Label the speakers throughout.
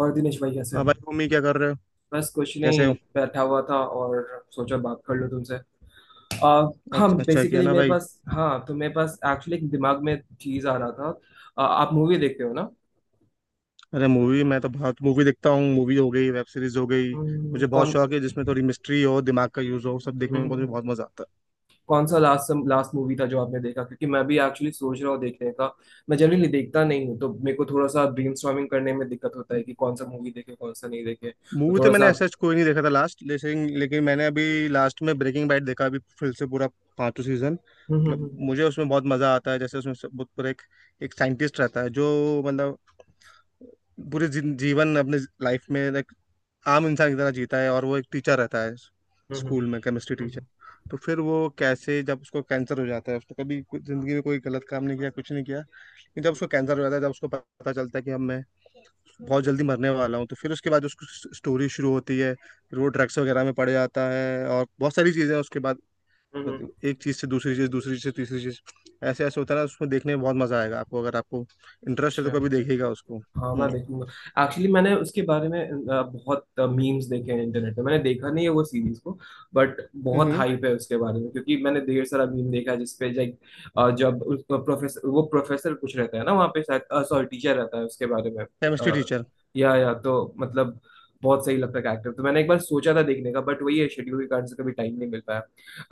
Speaker 1: और दिनेश भाई, कैसे हो।
Speaker 2: हाँ भाई, मम्मी क्या कर रहे हो।
Speaker 1: बस कुछ
Speaker 2: कैसे
Speaker 1: नहीं,
Speaker 2: हो।
Speaker 1: बैठा हुआ था और सोचा बात कर लूँ तुमसे। आ, हाँ,
Speaker 2: अच्छा अच्छा किया
Speaker 1: बेसिकली
Speaker 2: ना
Speaker 1: मेरे
Speaker 2: भाई।
Speaker 1: पास, तो मेरे पास एक्चुअली एक दिमाग में चीज आ रहा था। आप मूवी देखते हो ना।
Speaker 2: अरे मूवी, मैं तो बहुत मूवी देखता हूँ। मूवी हो गई, वेब सीरीज हो गई। मुझे बहुत
Speaker 1: कौन।
Speaker 2: शौक है जिसमें थोड़ी मिस्ट्री हो, दिमाग का यूज हो। सब देखने में मुझे
Speaker 1: हम्म,
Speaker 2: बहुत मजा आता
Speaker 1: कौन सा लास्ट लास्ट मूवी था जो आपने देखा, क्योंकि मैं भी एक्चुअली सोच रहा हूँ देखने का। मैं जनरली देखता नहीं हूँ, तो मेरे को थोड़ा सा ब्रेनस्टॉर्मिंग करने में दिक्कत होता
Speaker 2: है।
Speaker 1: है कि कौन सा मूवी देखे कौन सा नहीं देखे, तो
Speaker 2: मूवी तो
Speaker 1: थोड़ा सा
Speaker 2: मैंने
Speaker 1: आप।
Speaker 2: ऐसा कोई नहीं देखा था लास्ट, लेकिन लेकिन मैंने अभी लास्ट में ब्रेकिंग बैड देखा अभी फिर से पूरा पांचों सीजन।
Speaker 1: हम्म।
Speaker 2: मतलब मुझे
Speaker 1: हम्म।
Speaker 2: उसमें बहुत मजा आता है। जैसे उसमें बहुत पूरा एक एक साइंटिस्ट रहता है जो, मतलब पूरे जीवन अपने लाइफ में आम इंसान की तरह जीता है, और वो एक टीचर रहता है,
Speaker 1: हम्म। हम्म।
Speaker 2: स्कूल में केमिस्ट्री टीचर।
Speaker 1: हम्म।
Speaker 2: तो फिर वो कैसे जब उसको कैंसर हो जाता है, उसने कभी जिंदगी में कोई गलत काम नहीं किया, कुछ नहीं किया, लेकिन जब
Speaker 1: हम्म। हम्म।
Speaker 2: उसको कैंसर हो जाता है, जब उसको पता चलता है कि अब मैं बहुत जल्दी मरने वाला हूँ, तो फिर उसके बाद उसकी स्टोरी शुरू होती है। फिर वो ड्रग्स वगैरह में पड़ जाता है और बहुत सारी चीज़ें उसके बाद,
Speaker 1: हम्म, हम्म,
Speaker 2: मतलब एक चीज़ से दूसरी चीज़, दूसरी चीज़ से तीसरी चीज़, ऐसे ऐसे होता है ना। उसमें देखने में बहुत मज़ा आएगा आपको, अगर आपको इंटरेस्ट है तो
Speaker 1: हम्म,
Speaker 2: कभी देखिएगा उसको।
Speaker 1: हाँ, मैं
Speaker 2: हम्म।
Speaker 1: देखूंगा। एक्चुअली मैंने उसके बारे में बहुत मीम्स देखे हैं इंटरनेट पे, मैंने देखा नहीं है वो सीरीज को। बट बहुत हाइप है उसके बारे में, क्योंकि मैंने ढेर सारा मीम देखा है जिसपे लाइक जब उसको प्रोफेसर वो प्रोफेसर कुछ रहता है ना वहाँ पे, सॉरी टीचर रहता है, उसके बारे में।
Speaker 2: केमिस्ट्री
Speaker 1: अ,
Speaker 2: टीचर।
Speaker 1: या तो मतलब बहुत सही लगता है कैरेक्टर, तो मैंने एक बार सोचा था देखने का, बट वही है, शेड्यूल के कारण से कभी टाइम नहीं मिल पाया।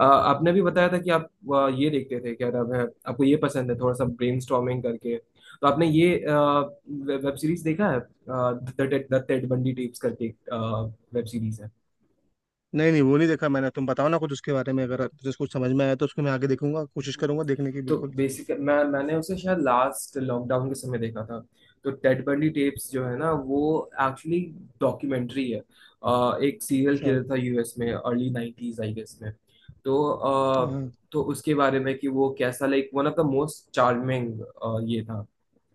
Speaker 1: आपने भी बताया था कि आप ये देखते थे, क्या नाम है, आपको ये पसंद है थोड़ा सा ब्रेन करके। तो आपने ये वेब सीरीज देखा है द टेड बंडी टेप्स करके? वेब सीरीज है।
Speaker 2: नहीं नहीं, वो नहीं देखा मैंने। तुम बताओ ना कुछ उसके बारे में, अगर तुझे कुछ समझ में आया तो उसको मैं आगे देखूंगा, कोशिश
Speaker 1: हम्म,
Speaker 2: करूंगा देखने की,
Speaker 1: तो
Speaker 2: बिल्कुल।
Speaker 1: बेसिक मैंने उसे शायद लास्ट लॉकडाउन के समय देखा था। तो टेड बंडी टेप्स जो है ना, वो एक्चुअली डॉक्यूमेंट्री है। एक सीरियल
Speaker 2: अच्छा।
Speaker 1: किलर था यूएस में अर्ली नाइन्टीज आई गेस में। तो
Speaker 2: हाँ
Speaker 1: अ,
Speaker 2: हाँ।
Speaker 1: तो उसके बारे में, कि वो कैसा, like one of the most charming ये था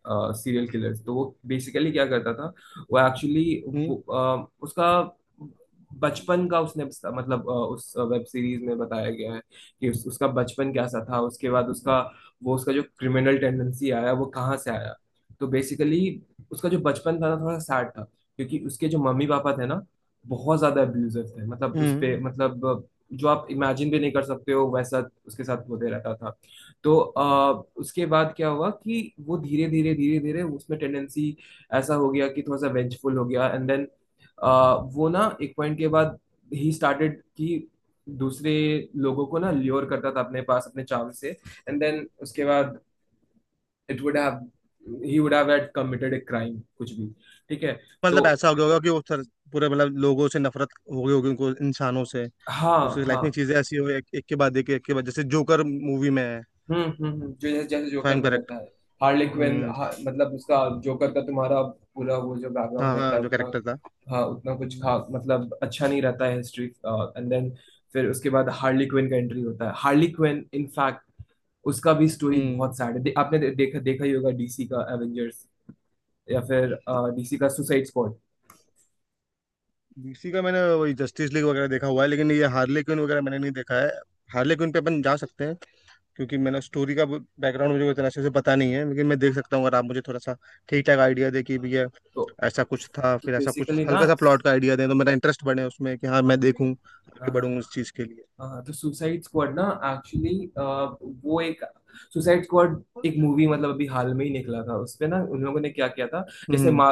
Speaker 1: सीरियल किलर। तो वो बेसिकली क्या करता था, वो एक्चुअली
Speaker 2: हम्म
Speaker 1: उसका बचपन का, उसने मतलब उस वेब सीरीज में बताया गया है कि उसका बचपन कैसा था, उसके बाद उसका वो, उसका जो क्रिमिनल टेंडेंसी आया वो कहाँ से आया। तो बेसिकली उसका जो बचपन था ना, थोड़ा सैड था, क्योंकि उसके जो मम्मी पापा थे ना, बहुत ज्यादा अब्यूजिव थे, मतलब उस पे,
Speaker 2: हम्म।
Speaker 1: मतलब जो आप इमेजिन भी नहीं कर सकते हो वैसा उसके साथ होते रहता था। तो उसके बाद क्या हुआ कि वो धीरे धीरे धीरे धीरे उसमें टेंडेंसी ऐसा हो गया कि थोड़ा सा वेंचफुल हो गया, एंड देन वो ना एक पॉइंट के बाद ही स्टार्टेड कि दूसरे लोगों को ना ल्योर करता था अपने पास अपने चाव से। एंड देन उसके बाद it would have he would have had committed a crime कुछ भी। ठीक है। तो।
Speaker 2: मतलब ऐसा हो गया होगा कि वो सर पूरे मतलब लोगों से नफरत हो गई होगी उनको, इंसानों से।
Speaker 1: हाँ।
Speaker 2: उसकी
Speaker 1: हाँ।
Speaker 2: लाइफ में चीजें ऐसी हो, एक, एक के बाद एक, एक के बाद, जैसे जोकर मूवी में है।
Speaker 1: हम्म। हम्म। जो जैसे जैसे
Speaker 2: इफ आई
Speaker 1: जोकर
Speaker 2: एम
Speaker 1: में
Speaker 2: करेक्ट।
Speaker 1: रहता है हार्ली क्विन।
Speaker 2: हम्म।
Speaker 1: हा, मतलब उसका जोकर का तुम्हारा पूरा वो जो
Speaker 2: हाँ
Speaker 1: बैकग्राउंड रहता
Speaker 2: हाँ,
Speaker 1: है
Speaker 2: जो
Speaker 1: उतना।
Speaker 2: कैरेक्टर था।
Speaker 1: हाँ, उतना कुछ
Speaker 2: हम्म।
Speaker 1: खा मतलब अच्छा नहीं रहता है हिस्ट्री, एंड देन फिर उसके बाद हार्ली क्विन का एंट्री होता है। हार्ली क्विन इनफैक्ट उसका भी स्टोरी
Speaker 2: हम्म।
Speaker 1: बहुत सैड है। दे, आपने दे, देखा देखा ही होगा डीसी का एवेंजर्स या फिर डीसी का सुसाइड स्क्वाड।
Speaker 2: DC का मैंने वही जस्टिस लीग वगैरह देखा हुआ है, लेकिन ये हार्ले क्विन वगैरह मैंने नहीं देखा है। हार्ले क्विन पे अपन जा सकते हैं, क्योंकि मैंने स्टोरी का बैकग्राउंड मुझे इतना अच्छे से पता नहीं है, लेकिन मैं देख सकता हूँ अगर आप मुझे थोड़ा सा ठीक ठाक आइडिया दे कि भैया
Speaker 1: तो
Speaker 2: ऐसा कुछ था,
Speaker 1: तो
Speaker 2: फिर ऐसा कुछ,
Speaker 1: बेसिकली ना।
Speaker 2: हल्का सा प्लॉट का आइडिया दें तो मेरा इंटरेस्ट बढ़े उसमें, कि हाँ मैं देखूँ, आगे
Speaker 1: हाँ।
Speaker 2: बढूं उस चीज़ के लिए।
Speaker 1: हाँ, तो सुसाइड स्क्वाड ना, एक्चुअली वो एक सुसाइड स्क्वाड, एक मूवी मतलब अभी हाल में ही निकला था, उसपे ना उन लोगों ने क्या किया था, जैसे
Speaker 2: हम्म।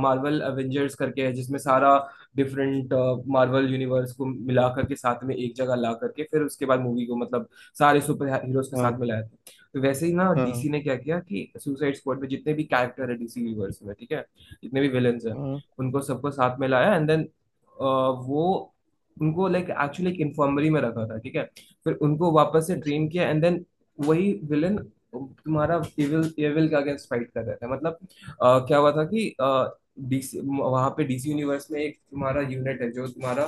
Speaker 1: मार्वल एवेंजर्स करके है जिसमें सारा डिफरेंट मार्वल यूनिवर्स को मिला करके साथ में एक जगह ला करके फिर उसके बाद मूवी को मतलब सारे सुपर हीरोज के
Speaker 2: हाँ
Speaker 1: साथ में लाया था। तो वैसे ही ना,
Speaker 2: हाँ। हाँ
Speaker 1: डीसी ने क्या किया, कि सुसाइड स्क्वाड में जितने भी कैरेक्टर है डीसी यूनिवर्स में, ठीक है, जितने भी विलन्स हैं,
Speaker 2: हाँ।
Speaker 1: उनको सबको साथ में लाया, एंड देन वो उनको लाइक एक्चुअली एक इन्फर्मरी में रखा था, ठीक है। फिर उनको वापस से
Speaker 2: अच्छा।
Speaker 1: ट्रेन किया, एंड देन वही विलन तुम्हारा एविल, एविल के अगेंस्ट फाइट कर रहा था मतलब। क्या हुआ था कि डीसी वहां पे, डीसी यूनिवर्स में एक तुम्हारा यूनिट है जो तुम्हारा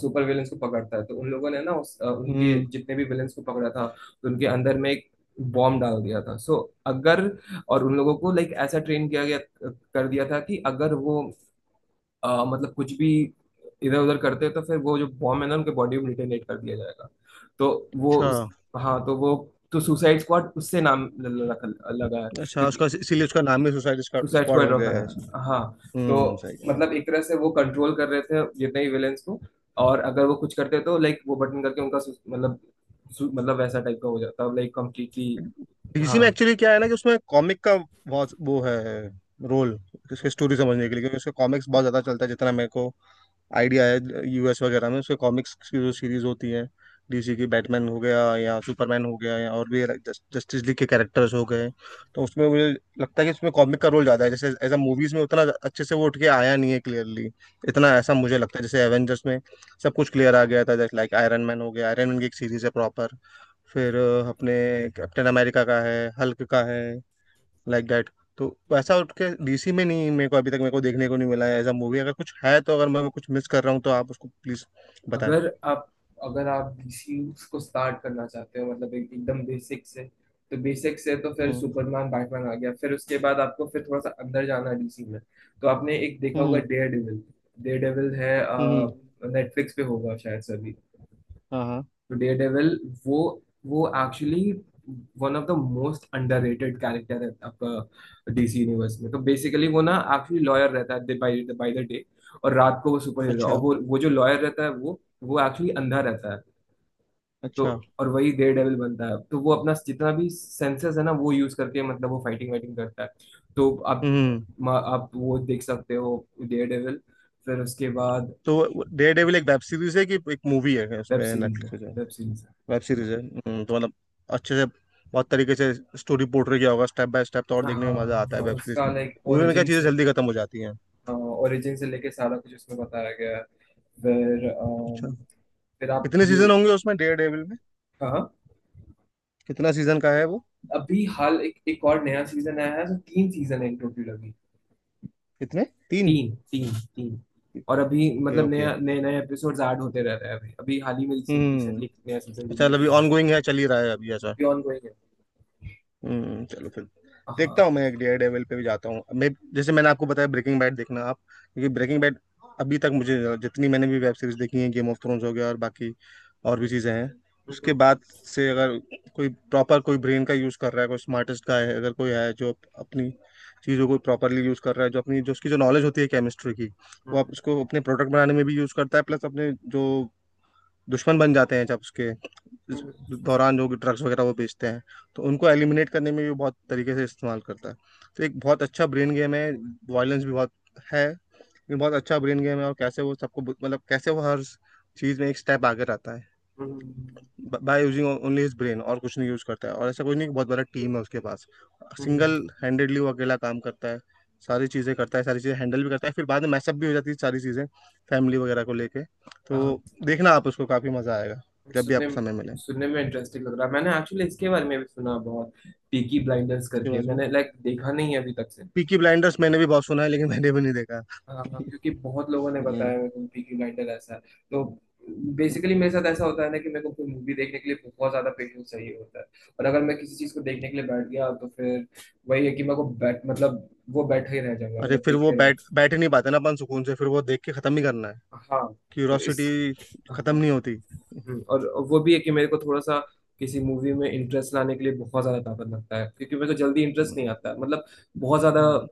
Speaker 1: सुपर विलन्स को पकड़ता है, तो उन लोगों ने ना उनके
Speaker 2: हम्म।
Speaker 1: जितने भी विलन्स को पकड़ा था, तो उनके अंदर में एक बॉम्ब डाल दिया था। सो अगर और उन लोगों को लाइक ऐसा ट्रेन किया गया, कर दिया था कि अगर वो मतलब कुछ भी इधर उधर करते हैं तो फिर वो जो बॉम्ब है ना उनके बॉडी में डिटोनेट कर दिया जाएगा। तो वो
Speaker 2: अच्छा।
Speaker 1: उस, हाँ, तो वो, तो सुसाइड स्क्वाड उससे नाम लगा है,
Speaker 2: अच्छा
Speaker 1: क्योंकि
Speaker 2: उसका इसीलिए उसका नाम ही सुसाइड
Speaker 1: सुसाइड
Speaker 2: स्क्वाड
Speaker 1: स्क्वाड
Speaker 2: हो
Speaker 1: रखा
Speaker 2: गया है।
Speaker 1: है हाँ। तो
Speaker 2: हम्म, सही कह रहा हूँ।
Speaker 1: मतलब एक तरह से वो कंट्रोल कर रहे थे जितने ही विलेंस को, और अगर वो कुछ करते तो लाइक वो बटन करके उनका मतलब मतलब वैसा टाइप का हो जाता लाइक कंप्लीटली।
Speaker 2: डीसी
Speaker 1: हाँ,
Speaker 2: में एक्चुअली क्या है ना, कि उसमें कॉमिक का बहुत वो है, रोल, उसकी स्टोरी समझने के लिए। क्योंकि उसके कॉमिक्स बहुत ज्यादा चलता है, जितना मेरे को आइडिया है, यूएस वगैरह में उसके कॉमिक्स की जो सीरीज होती है डीसी की। बैटमैन हो गया या सुपरमैन हो गया या और भी जस्टिस लीग के कैरेक्टर्स हो गए। तो उसमें मुझे लगता है कि उसमें कॉमिक का रोल ज्यादा है, जैसे एज अ मूवीज में उतना अच्छे से वो उठ के आया नहीं है क्लियरली, इतना, ऐसा मुझे लगता है। जैसे एवेंजर्स में सब कुछ क्लियर आ गया था, जैसे लाइक आयरन मैन हो गया, आयरन मैन की एक सीरीज है प्रॉपर, फिर अपने कैप्टन अमेरिका का है, हल्क का है, लाइक दैट। तो वैसा उठ के डीसी में नहीं, मेरे को अभी तक मेरे को देखने को नहीं मिला है एज अ मूवी। अगर कुछ है तो, अगर मैं कुछ मिस कर रहा हूँ तो आप उसको प्लीज बताएं।
Speaker 1: अगर आप अगर आप डीसी को स्टार्ट करना चाहते हो, मतलब एकदम बेसिक से, तो बेसिक से तो फिर
Speaker 2: हम्म
Speaker 1: सुपरमैन बैटमैन आ गया। फिर उसके बाद आपको फिर थोड़ा सा अंदर जाना है डीसी में, तो आपने एक देखा होगा
Speaker 2: हम्म
Speaker 1: डेयर डेविल। डेयर डेविल है,
Speaker 2: हम्म।
Speaker 1: नेटफ्लिक्स पे होगा शायद से अभी।
Speaker 2: हाँ हाँ।
Speaker 1: तो डेयरडेविल वो, actually one of the most underrated character है आपका डीसी यूनिवर्स में। तो बेसिकली वो ना एक्चुअली लॉयर रहता है बाय द डे, और रात को वो सुपर हीरो।
Speaker 2: अच्छा।
Speaker 1: और वो जो लॉयर रहता है वो एक्चुअली अंधा रहता है, तो,
Speaker 2: अच्छा।
Speaker 1: और वही डेयर डेविल बनता है। तो वो अपना जितना भी सेंसेस है ना, वो यूज करके मतलब वो फाइटिंग वाइटिंग करता है। तो आप
Speaker 2: हम्म।
Speaker 1: आप वो देख सकते हो डेयर डेविल। फिर उसके बाद
Speaker 2: तो डेयर डेविल एक वेब सीरीज है कि एक मूवी है
Speaker 1: वेब
Speaker 2: उसमें,
Speaker 1: सीरीज
Speaker 2: नेटफ्लिक्स
Speaker 1: है,
Speaker 2: पे जो।
Speaker 1: वेब सीरीज है।
Speaker 2: वेब सीरीज है। हम्म। तो मतलब अच्छे से बहुत तरीके से स्टोरी पोर्ट्रे किया होगा स्टेप बाय स्टेप, तो और
Speaker 1: हाँ
Speaker 2: देखने में मजा आता है
Speaker 1: हाँ,
Speaker 2: वेब सीरीज
Speaker 1: उसका
Speaker 2: में।
Speaker 1: लाइक
Speaker 2: मूवी में क्या
Speaker 1: ओरिजिन
Speaker 2: चीजें
Speaker 1: से,
Speaker 2: जल्दी खत्म हो जाती हैं।
Speaker 1: ओरिजिन से लेके सारा कुछ उसमें बताया गया है। फिर
Speaker 2: अच्छा,
Speaker 1: फिर आप
Speaker 2: कितने
Speaker 1: ये।
Speaker 2: सीजन होंगे उसमें, डेयर डेविल में।
Speaker 1: हाँ हाँ।
Speaker 2: कितना सीजन का है वो।
Speaker 1: अभी हाल एक एक और नया सीजन आया है, तो तीन सीजन है टोटल अभी।
Speaker 2: कितने। तीन।
Speaker 1: तीन, तीन, तीन। और अभी
Speaker 2: ओके
Speaker 1: मतलब
Speaker 2: ओके।
Speaker 1: नया, नए नए एपिसोड्स ऐड होते रह रहे हैं अभी। अभी हाल ही में रिसेंटली
Speaker 2: हम्म।
Speaker 1: एक नया सीजन
Speaker 2: अच्छा
Speaker 1: रिलीज
Speaker 2: अभी
Speaker 1: हुआ है।
Speaker 2: ऑनगोइंग है, चल ही रहा है अभी, ऐसा।
Speaker 1: अभी ऑन गोइंग है।
Speaker 2: हम्म, चलो फिर। देखता
Speaker 1: हाँ।
Speaker 2: हूँ मैं, एक डेयर डेविल पे भी जाता हूँ मैं, जैसे मैंने आपको बताया ब्रेकिंग बैड देखना आप। क्योंकि ब्रेकिंग बैड अभी तक, मुझे जितनी मैंने भी वेब सीरीज देखी है, गेम ऑफ थ्रोन्स हो गया और बाकी और भी चीज़ें हैं, उसके
Speaker 1: हम्म,
Speaker 2: बाद से अगर कोई प्रॉपर, कोई ब्रेन का यूज़ कर रहा है, कोई स्मार्टेस्ट का है, अगर कोई है जो अपनी चीज़ों को प्रॉपरली यूज़ कर रहा है, जो अपनी, जो उसकी जो नॉलेज होती है केमिस्ट्री की, वो
Speaker 1: हम्म,
Speaker 2: आप उसको अपने प्रोडक्ट बनाने में भी यूज़ करता है, प्लस अपने जो दुश्मन बन जाते हैं जब उसके इस
Speaker 1: हम्म,
Speaker 2: दौरान, जो ड्रग्स वगैरह वो बेचते हैं, तो उनको एलिमिनेट करने में भी बहुत तरीके से इस्तेमाल करता है। तो एक बहुत अच्छा ब्रेन गेम है। वायलेंस भी बहुत है, लेकिन बहुत अच्छा ब्रेन गेम है। और कैसे वो सबको, मतलब कैसे वो हर चीज़ में एक स्टेप आगे रहता है,
Speaker 1: hmm,
Speaker 2: by using only his brain, और कुछ नहीं यूज करता है। और ऐसा कुछ नहीं कि बहुत बड़ा टीम है उसके पास,
Speaker 1: हम्म,
Speaker 2: सिंगल हैंडेडली वो अकेला काम करता है, सारी चीज़ें करता है, सारी चीज़ें हैंडल भी करता है, फिर बाद में मैसअप भी हो जाती है सारी चीज़ें फैमिली वगैरह को लेके।
Speaker 1: हाँ,
Speaker 2: तो देखना आप उसको, काफ़ी मज़ा आएगा, जब भी
Speaker 1: सुनने
Speaker 2: आपको समय मिले।
Speaker 1: सुनने में इंटरेस्टिंग लग रहा है। मैंने एक्चुअली इसके बारे में भी सुना बहुत, पीकी ब्लाइंडर्स
Speaker 2: इसके
Speaker 1: करके,
Speaker 2: बारे में,
Speaker 1: मैंने लाइक देखा नहीं है अभी तक से।
Speaker 2: पीकी ब्लाइंडर्स, मैंने भी बहुत सुना है लेकिन मैंने भी नहीं देखा।
Speaker 1: हाँ हाँ, क्योंकि बहुत लोगों ने
Speaker 2: हम्म।
Speaker 1: बताया मेरे को पीकी ब्लाइंडर ऐसा है। तो बेसिकली मेरे साथ ऐसा होता है ना, कि मेरे को कोई मूवी देखने के लिए बहुत ज्यादा पेशेंस चाहिए होता है, और अगर मैं किसी चीज को देखने के लिए बैठ गया तो फिर वही है कि मेरे को बैठ, मतलब वो बैठा ही रह जाऊंगा,
Speaker 2: अरे,
Speaker 1: मतलब
Speaker 2: फिर वो
Speaker 1: देखते रहूँ।
Speaker 2: बैठ बैठ ही नहीं पाते ना अपन सुकून से, फिर वो देख के ख़त्म ही करना है।
Speaker 1: हाँ, तो इस,
Speaker 2: क्यूरोसिटी
Speaker 1: हाँ,
Speaker 2: ख़त्म नहीं होती।
Speaker 1: और वो भी है कि मेरे को थोड़ा सा किसी मूवी में इंटरेस्ट लाने के लिए बहुत ज्यादा ताकत लगता है, क्योंकि मेरे को जल्दी इंटरेस्ट नहीं
Speaker 2: हम्म
Speaker 1: आता मतलब, बहुत ज्यादा।
Speaker 2: हम्म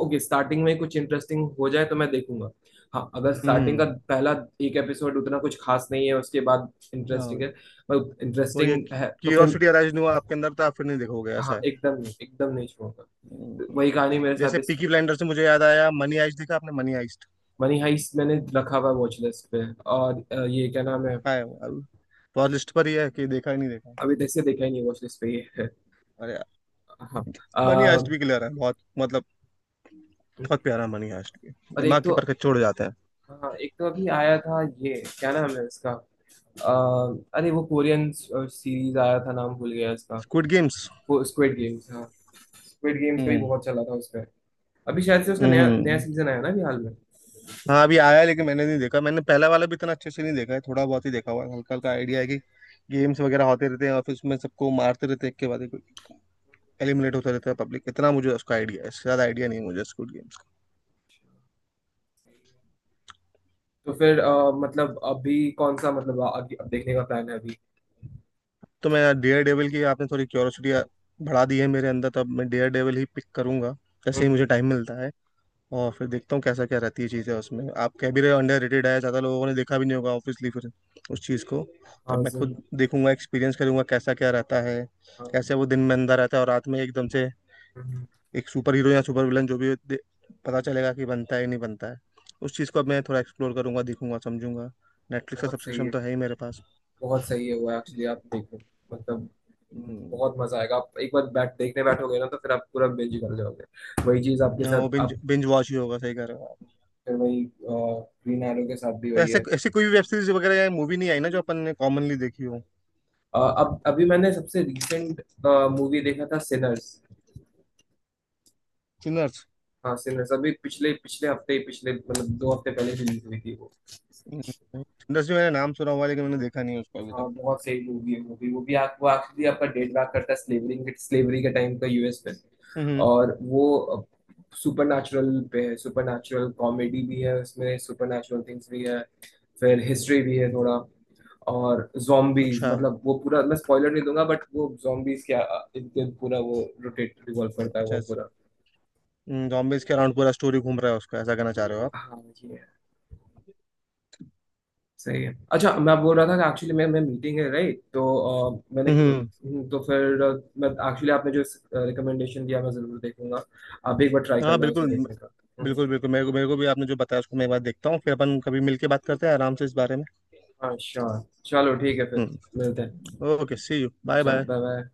Speaker 1: ओके, स्टार्टिंग में कुछ इंटरेस्टिंग हो जाए तो मैं देखूंगा। हाँ, अगर स्टार्टिंग का
Speaker 2: हम्म।
Speaker 1: पहला एक एपिसोड उतना कुछ खास नहीं है, उसके बाद इंटरेस्टिंग
Speaker 2: हाँ।
Speaker 1: है, मतलब
Speaker 2: वो ये
Speaker 1: इंटरेस्टिंग है तो फिर।
Speaker 2: क्यूरियोसिटी अराइज नहीं हुआ आपके अंदर तो आप फिर नहीं देखोगे, ऐसा
Speaker 1: हाँ,
Speaker 2: है।
Speaker 1: एकदम नहीं, एकदम नहीं छोड़ूंगा। तो
Speaker 2: हम्म।
Speaker 1: वही कहानी मेरे साथ
Speaker 2: जैसे
Speaker 1: इस।
Speaker 2: पीकी ब्लाइंडर से मुझे याद आया, मनी आइस्ट देखा आपने, मनी आइस्ट।
Speaker 1: मनी हाइस्ट मैंने रखा हुआ है वॉच लिस्ट पे, और ये क्या नाम है,
Speaker 2: आया। बहुत लिस्ट पर ही है कि देखा ही नहीं, देखा।
Speaker 1: अभी तक से देखा ही नहीं, वॉच लिस्ट पे ये है।
Speaker 2: अरे यार,
Speaker 1: हाँ।
Speaker 2: मनी
Speaker 1: अ,
Speaker 2: आइस्ट भी क्लियर है बहुत, मतलब बहुत प्यारा, मनी आइस्ट भी
Speaker 1: और एक
Speaker 2: दिमाग के
Speaker 1: तो,
Speaker 2: परखच छोड़ जाते हैं।
Speaker 1: हाँ, एक तो अभी आया था ये, क्या नाम है इसका। अ, अरे, वो कोरियन सीरीज आया था, नाम भूल गया इसका।
Speaker 2: Squid Games.
Speaker 1: वो स्क्विड गेम्स, हाँ, स्क्विड गेम्स का भी
Speaker 2: हम्म
Speaker 1: बहुत चला था उसका। अभी शायद से उसका नया नया
Speaker 2: हम्म।
Speaker 1: सीजन आया ना अभी हाल में।
Speaker 2: हाँ अभी आया है, लेकिन मैंने नहीं देखा, मैंने पहला वाला भी इतना अच्छे से नहीं देखा है, थोड़ा बहुत ही देखा हुआ है, हल्का हल्का आइडिया है कि गेम्स वगैरह होते रहते हैं और फिर उसमें सबको मारते रहते हैं, एक के बाद एक एलिमिनेट होता रहता है पब्लिक, इतना मुझे उसका आइडिया है, इससे ज्यादा आइडिया नहीं है मुझे स्क्विड गेम।
Speaker 1: तो फिर मतलब अभी कौन सा, मतलब अभी अब देखने का प्लान है अभी।
Speaker 2: तो मैं, डेयर डेविल की आपने थोड़ी क्यूरियोसिटी बढ़ा दी है मेरे अंदर, तब मैं डेयर डेविल ही पिक करूंगा जैसे ही
Speaker 1: हम्म।
Speaker 2: मुझे टाइम मिलता है। और फिर देखता हूँ कैसा क्या रहती है चीज़ें उसमें, आप कह भी रहे हो अंडर रेटेड है, ज़्यादा लोगों ने देखा भी नहीं होगा ऑब्वियसली, फिर उस चीज़ को तब
Speaker 1: हाँ
Speaker 2: मैं
Speaker 1: जरूर।
Speaker 2: खुद देखूंगा, एक्सपीरियंस करूंगा कैसा क्या रहता है,
Speaker 1: हाँ।
Speaker 2: कैसे वो दिन में अंदर रहता है और रात में एकदम से
Speaker 1: हम्म,
Speaker 2: एक सुपर हीरो या सुपर विलन जो भी हो, पता चलेगा कि बनता है या नहीं बनता है। उस चीज़ को अब मैं थोड़ा एक्सप्लोर करूंगा, देखूंगा, समझूंगा। नेटफ्लिक्स का
Speaker 1: बहुत सही
Speaker 2: सब्सक्रिप्शन
Speaker 1: है,
Speaker 2: तो है ही मेरे पास।
Speaker 1: बहुत सही है, वो एक्चुअली आप देखो, मतलब
Speaker 2: हम्म।
Speaker 1: बहुत मजा आएगा, आप एक बार बैठ देखने बैठोगे ना तो फिर आप पूरा बिंज कर जाओगे। वही चीज आपके
Speaker 2: हाँ, वो
Speaker 1: साथ,
Speaker 2: बिंज
Speaker 1: आप
Speaker 2: बिंज वॉच ही होगा, सही कह रहे हो।
Speaker 1: फिर वही, ग्रीन एरो के साथ भी
Speaker 2: तो
Speaker 1: वही
Speaker 2: ऐसे,
Speaker 1: है।
Speaker 2: ऐसी कोई भी वेब सीरीज वगैरह या मूवी नहीं आई ना जो अपन ने कॉमनली देखी हो।
Speaker 1: अब अभी मैंने सबसे रिसेंट मूवी देखा था, सिनर्स।
Speaker 2: सिनर्स।
Speaker 1: हाँ, सिनर्स अभी पिछले पिछले हफ्ते ही, पिछले मतलब दो हफ्ते पहले रिलीज हुई थी वो।
Speaker 2: सिनर्स भी मैंने नाम सुना हुआ है, लेकिन मैंने देखा नहीं है उसको अभी तक।
Speaker 1: हाँ, बहुत सही मूवी है, वो भी। वो भी आप वो एक्चुअली आपका डेट बैक करता है स्लेवरी के, स्लेवरी के टाइम का यूएस पे।
Speaker 2: हम्म।
Speaker 1: और वो सुपर नेचुरल पे है, सुपर नेचुरल कॉमेडी भी है उसमें, सुपर नेचुरल थिंग्स भी है, फिर हिस्ट्री भी है थोड़ा। और zombies
Speaker 2: अच्छा।
Speaker 1: मतलब, वो पूरा मैं स्पॉइलर नहीं दूंगा, बट वो zombies क्या, इनके पूरा वो रोटेट रिवॉल्व करता है वो
Speaker 2: अच्छा,
Speaker 1: पूरा।
Speaker 2: जॉम्बीज के अराउंड पूरा स्टोरी घूम रहा है उसका, ऐसा कहना चाह रहे हो आप।
Speaker 1: हाँ ये है। सही है, अच्छा, मैं बोल रहा था कि एक्चुअली मैं मीटिंग है राइट, तो मैंने,
Speaker 2: हम्म हम्म।
Speaker 1: तो फिर मैं एक्चुअली, आपने जो रिकमेंडेशन दिया मैं जरूर देखूंगा। आप भी एक बार ट्राई
Speaker 2: हाँ
Speaker 1: करना उसे
Speaker 2: बिल्कुल
Speaker 1: देखने का। हम्म,
Speaker 2: बिल्कुल बिल्कुल, मेरे को, भी आपने जो बताया उसको मैं एक बार देखता हूँ, फिर अपन कभी मिलके बात करते हैं आराम से इस बारे में।
Speaker 1: हाँ श्योर, चलो ठीक है फिर
Speaker 2: हम्म।
Speaker 1: मिलते हैं।
Speaker 2: ओके, सी यू, बाय
Speaker 1: चलो,
Speaker 2: बाय।
Speaker 1: Bye bye.